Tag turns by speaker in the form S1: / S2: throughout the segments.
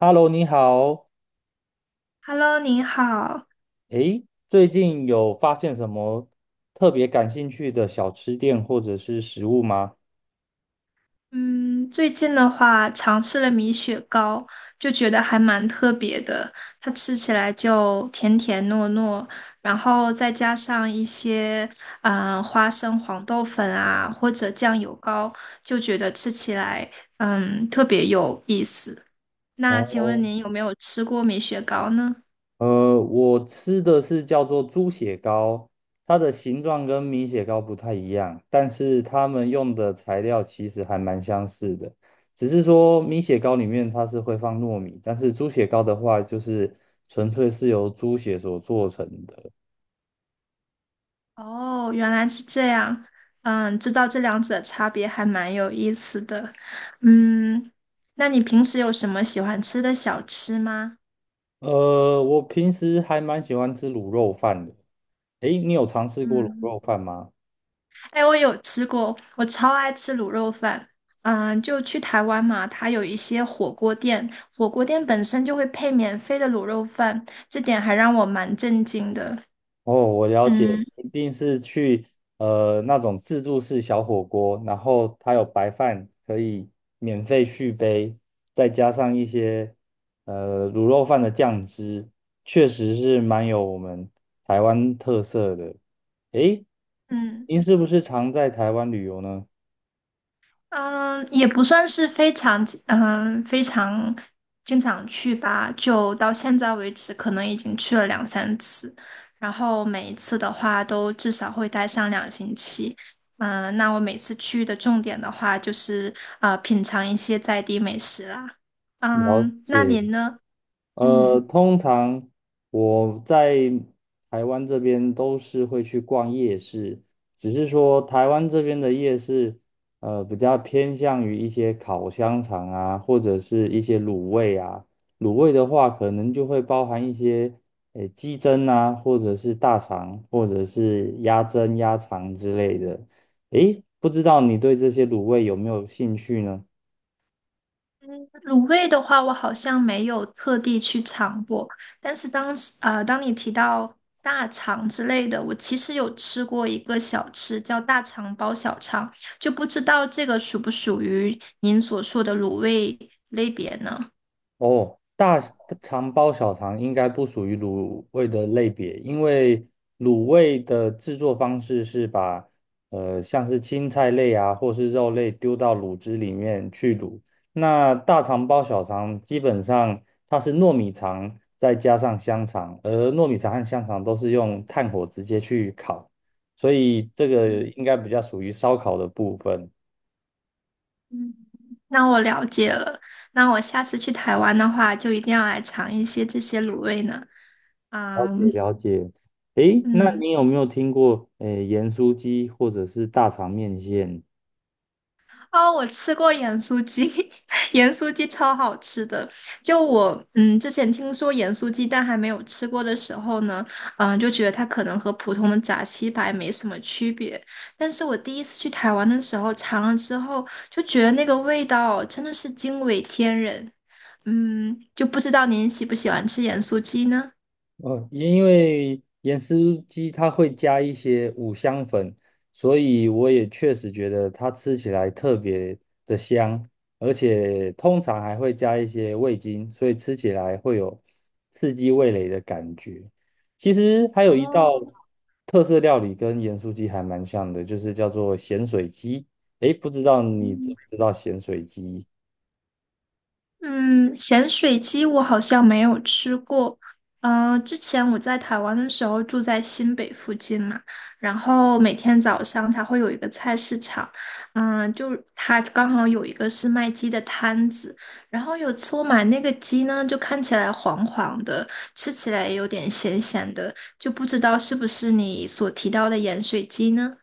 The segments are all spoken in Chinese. S1: Hello，你好。
S2: Hello，您好。
S1: 诶，最近有发现什么特别感兴趣的小吃店或者是食物吗？
S2: 嗯，最近的话尝试了米雪糕，就觉得还蛮特别的。它吃起来就甜甜糯糯，然后再加上一些花生黄豆粉啊，或者酱油膏，就觉得吃起来特别有意思。那请问
S1: 哦，
S2: 您有没有吃过米雪糕呢？
S1: 我吃的是叫做猪血糕，它的形状跟米血糕不太一样，但是它们用的材料其实还蛮相似的，只是说米血糕里面它是会放糯米，但是猪血糕的话就是纯粹是由猪血所做成的。
S2: 哦，原来是这样。嗯，知道这两者差别还蛮有意思的。嗯，那你平时有什么喜欢吃的小吃吗？
S1: 我平时还蛮喜欢吃卤肉饭的。诶，你有尝试过卤
S2: 嗯，
S1: 肉饭吗？
S2: 哎，我有吃过，我超爱吃卤肉饭。嗯，就去台湾嘛，它有一些火锅店，火锅店本身就会配免费的卤肉饭，这点还让我蛮震惊的。
S1: 哦，我了
S2: 嗯
S1: 解，一定是去那种自助式小火锅，然后它有白饭可以免费续杯，再加上一些卤肉饭的酱汁，确实是蛮有我们台湾特色的。诶，
S2: 嗯。
S1: 您是不是常在台湾旅游呢？
S2: 嗯，也不算是非常，非常经常去吧。就到现在为止，可能已经去了两三次，然后每一次的话都至少会待上2星期。嗯，那我每次去的重点的话，就是品尝一些在地美食啦。
S1: 了
S2: 嗯，那
S1: 解。
S2: 您呢？嗯。
S1: 通常我在台湾这边都是会去逛夜市，只是说台湾这边的夜市，比较偏向于一些烤香肠啊，或者是一些卤味啊。卤味的话，可能就会包含一些，鸡胗啊，或者是大肠，或者是鸭胗、鸭肠之类的。诶，不知道你对这些卤味有没有兴趣呢？
S2: 卤味的话，我好像没有特地去尝过，但是当你提到大肠之类的，我其实有吃过一个小吃叫大肠包小肠，就不知道这个属不属于您所说的卤味类别呢？
S1: 哦，大肠包小肠应该不属于卤味的类别，因为卤味的制作方式是把像是青菜类啊或是肉类丢到卤汁里面去卤。那大肠包小肠基本上它是糯米肠再加上香肠，而糯米肠和香肠都是用炭火直接去烤，所以这个应该比较属于烧烤的部分。
S2: 嗯，那我了解了，那我下次去台湾的话，就一定要来尝一些这些卤味呢。
S1: 了解
S2: 嗯
S1: 了解。诶，那
S2: 嗯，
S1: 你有没有听过诶盐酥鸡或者是大肠面线？
S2: 哦，我吃过盐酥鸡，盐酥鸡超好吃的。就我，之前听说盐酥鸡，但还没有吃过的时候呢，嗯，就觉得它可能和普通的炸鸡排没什么区别。但是我第一次去台湾的时候尝了之后，就觉得那个味道真的是惊为天人。嗯，就不知道您喜不喜欢吃盐酥鸡呢？
S1: 哦，因为盐酥鸡它会加一些五香粉，所以我也确实觉得它吃起来特别的香，而且通常还会加一些味精，所以吃起来会有刺激味蕾的感觉。其实还有一道
S2: 哦，
S1: 特色料理跟盐酥鸡还蛮像的，就是叫做咸水鸡。诶，不知道你知
S2: 嗯。
S1: 不知道咸水鸡？
S2: 嗯，咸水鸡我好像没有吃过。呃，之前我在台湾的时候住在新北附近嘛，然后每天早上它会有一个菜市场，就它刚好有一个是卖鸡的摊子，然后有次我买那个鸡呢，就看起来黄黄的，吃起来也有点咸咸的，就不知道是不是你所提到的盐水鸡呢？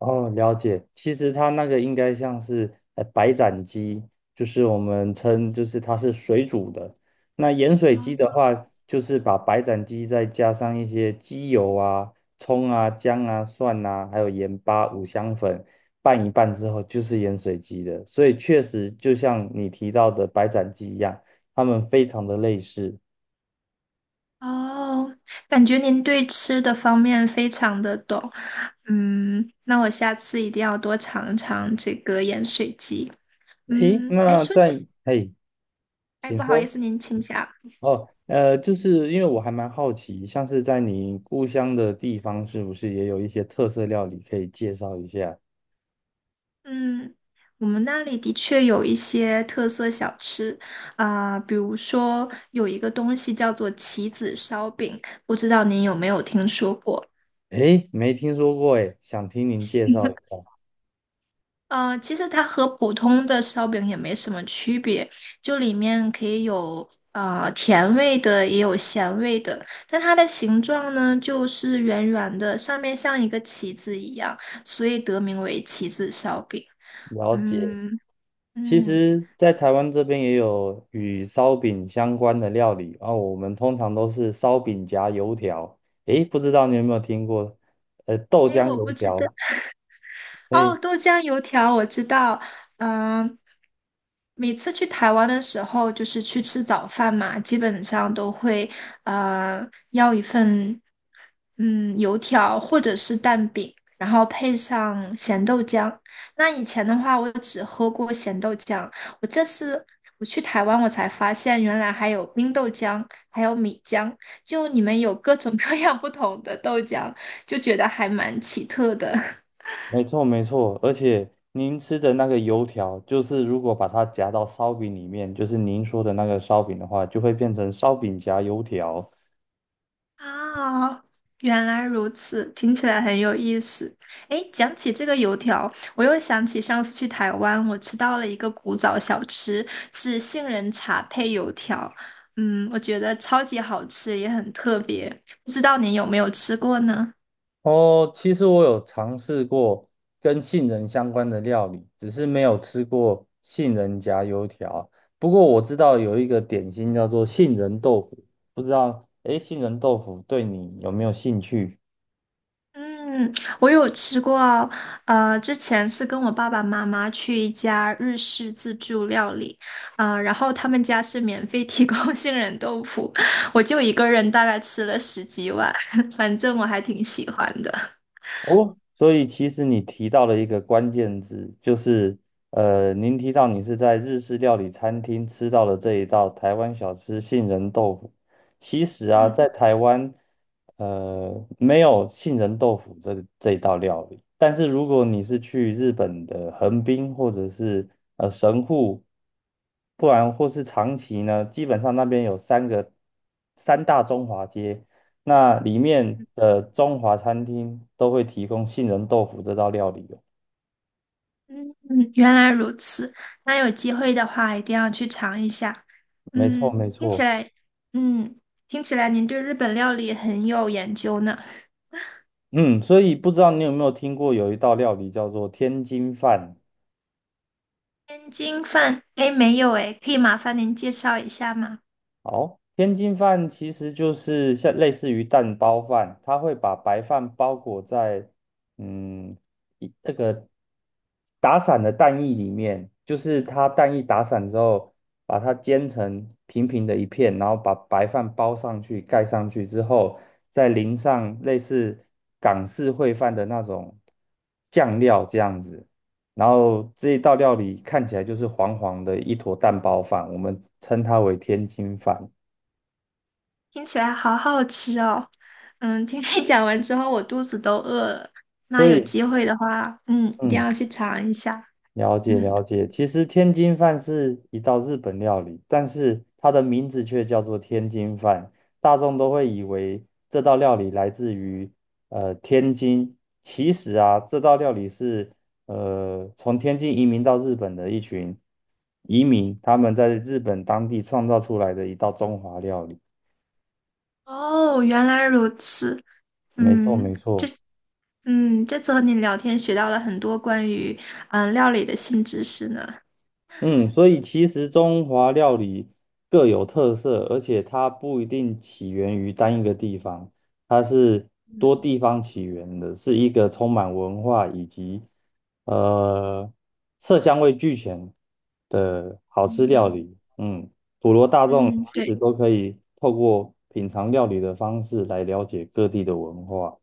S1: 哦，了解。其实它那个应该像是白斩鸡，就是我们称就是它是水煮的。那盐水鸡的话，就是把白斩鸡再加上一些鸡油啊、葱啊、姜啊、蒜啊，还有盐巴、五香粉拌一拌之后，就是盐水鸡的。所以确实就像你提到的白斩鸡一样，它们非常的类似。
S2: 哦，感觉您对吃的方面非常的懂，嗯，那我下次一定要多尝尝这个盐水鸡。
S1: 诶，
S2: 嗯，哎，
S1: 那
S2: 说
S1: 在，
S2: 起，
S1: 诶，
S2: 哎，
S1: 请
S2: 不好意
S1: 说。
S2: 思，您请讲。
S1: 哦，就是因为我还蛮好奇，像是在你故乡的地方，是不是也有一些特色料理可以介绍一下？
S2: 嗯，我们那里的确有一些特色小吃啊，比如说有一个东西叫做棋子烧饼，不知道您有没有听说过？
S1: 诶，没听说过诶，想听您介 绍一下。
S2: 呃，其实它和普通的烧饼也没什么区别，就里面可以有甜味的，也有咸味的。但它的形状呢，就是圆圆的，上面像一个旗子一样，所以得名为旗子烧饼。
S1: 了解，
S2: 嗯
S1: 其
S2: 嗯，
S1: 实，在台湾这边也有与烧饼相关的料理，啊，我们通常都是烧饼夹油条。诶，不知道你有没有听过？豆
S2: 哎，
S1: 浆
S2: 我
S1: 油
S2: 不知道。
S1: 条。
S2: 哦，
S1: 诶
S2: 豆浆油条我知道，嗯，每次去台湾的时候，就是去吃早饭嘛，基本上都会呃要一份油条或者是蛋饼，然后配上咸豆浆。那以前的话，我只喝过咸豆浆，我这次去台湾，我才发现原来还有冰豆浆，还有米浆，就你们有各种各样不同的豆浆，就觉得还蛮奇特的。
S1: 没错没错，而且您吃的那个油条，就是如果把它夹到烧饼里面，就是您说的那个烧饼的话，就会变成烧饼夹油条。
S2: 啊，原来如此，听起来很有意思。诶，讲起这个油条，我又想起上次去台湾，我吃到了一个古早小吃，是杏仁茶配油条。嗯，我觉得超级好吃，也很特别。不知道您有没有吃过呢？
S1: 哦，其实我有尝试过跟杏仁相关的料理，只是没有吃过杏仁夹油条。不过我知道有一个点心叫做杏仁豆腐，不知道，诶，杏仁豆腐对你有没有兴趣？
S2: 嗯，我有吃过，呃，之前是跟我爸爸妈妈去一家日式自助料理，呃，然后他们家是免费提供 杏仁豆腐，我就一个人大概吃了十几碗，反正我还挺喜欢的。
S1: 哦，所以其实你提到了一个关键字，就是您提到你是在日式料理餐厅吃到了这一道台湾小吃杏仁豆腐。其实啊，
S2: 嗯
S1: 在台湾，没有杏仁豆腐这一道料理。但是如果你是去日本的横滨或者是神户，不然或是长崎呢，基本上那边有三大中华街。那里面的中华餐厅都会提供杏仁豆腐这道料理哦。
S2: 嗯，原来如此，那有机会的话一定要去尝一下。
S1: 没错，
S2: 嗯，
S1: 没
S2: 听起
S1: 错。
S2: 来，嗯，听起来您对日本料理很有研究呢。
S1: 嗯，所以不知道你有没有听过有一道料理叫做天津饭？
S2: 天津饭，哎，没有哎，可以麻烦您介绍一下吗？
S1: 好，天津饭其实就是像类似于蛋包饭，它会把白饭包裹在嗯一那个打散的蛋液里面，就是它蛋液打散之后，把它煎成平平的一片，然后把白饭包上去，盖上去之后，再淋上类似港式烩饭的那种酱料这样子。然后这一道料理看起来就是黄黄的一坨蛋包饭，我们称它为天津饭。
S2: 听起来好好吃哦。嗯，听你 讲完之后，我肚子都饿了。那
S1: 所
S2: 有
S1: 以，
S2: 机会的话，嗯，一定
S1: 嗯，
S2: 要去尝一下。
S1: 了解
S2: 嗯，
S1: 了解。其实天津饭是一道日本料理，但是它的名字却叫做天津饭，大众都会以为这道料理来自于天津。其实啊，这道料理是从天津移民到日本的一群移民，他们在日本当地创造出来的一道中华料理。
S2: 哦，原来如此。
S1: 没错
S2: 嗯
S1: 没错。
S2: 嗯，这次和你聊天学到了很多关于料理的新知识呢。
S1: 嗯，所以其实中华料理各有特色，而且它不一定起源于单一个地方，它是
S2: 嗯
S1: 多地方起源的，是一个充满文化以及呃色香味俱全的好吃料
S2: 嗯
S1: 理。嗯，普罗大众
S2: 嗯，
S1: 其
S2: 对。
S1: 实都可以透过品尝料理的方式来了解各地的文化。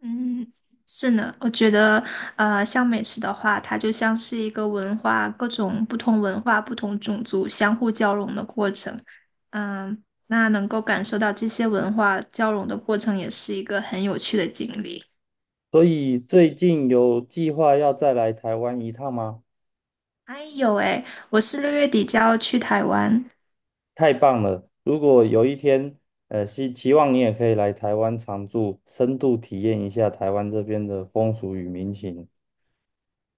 S2: 嗯，是呢，我觉得，呃，像美食的话，它就像是一个文化，各种不同文化、不同种族相互交融的过程。嗯，那能够感受到这些文化交融的过程，也是一个很有趣的经历。
S1: 所以最近有计划要再来台湾一趟吗？
S2: 哎有哎，我是6月底就要去台湾。
S1: 太棒了！如果有一天，希期望你也可以来台湾常住，深度体验一下台湾这边的风俗与民情。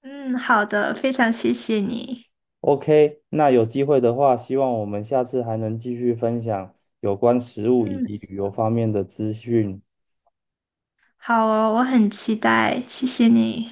S2: 嗯，好的，非常谢谢你。
S1: OK，那有机会的话，希望我们下次还能继续分享有关食物以
S2: 嗯，
S1: 及旅游方面的资讯。
S2: 好哦，我很期待，谢谢你。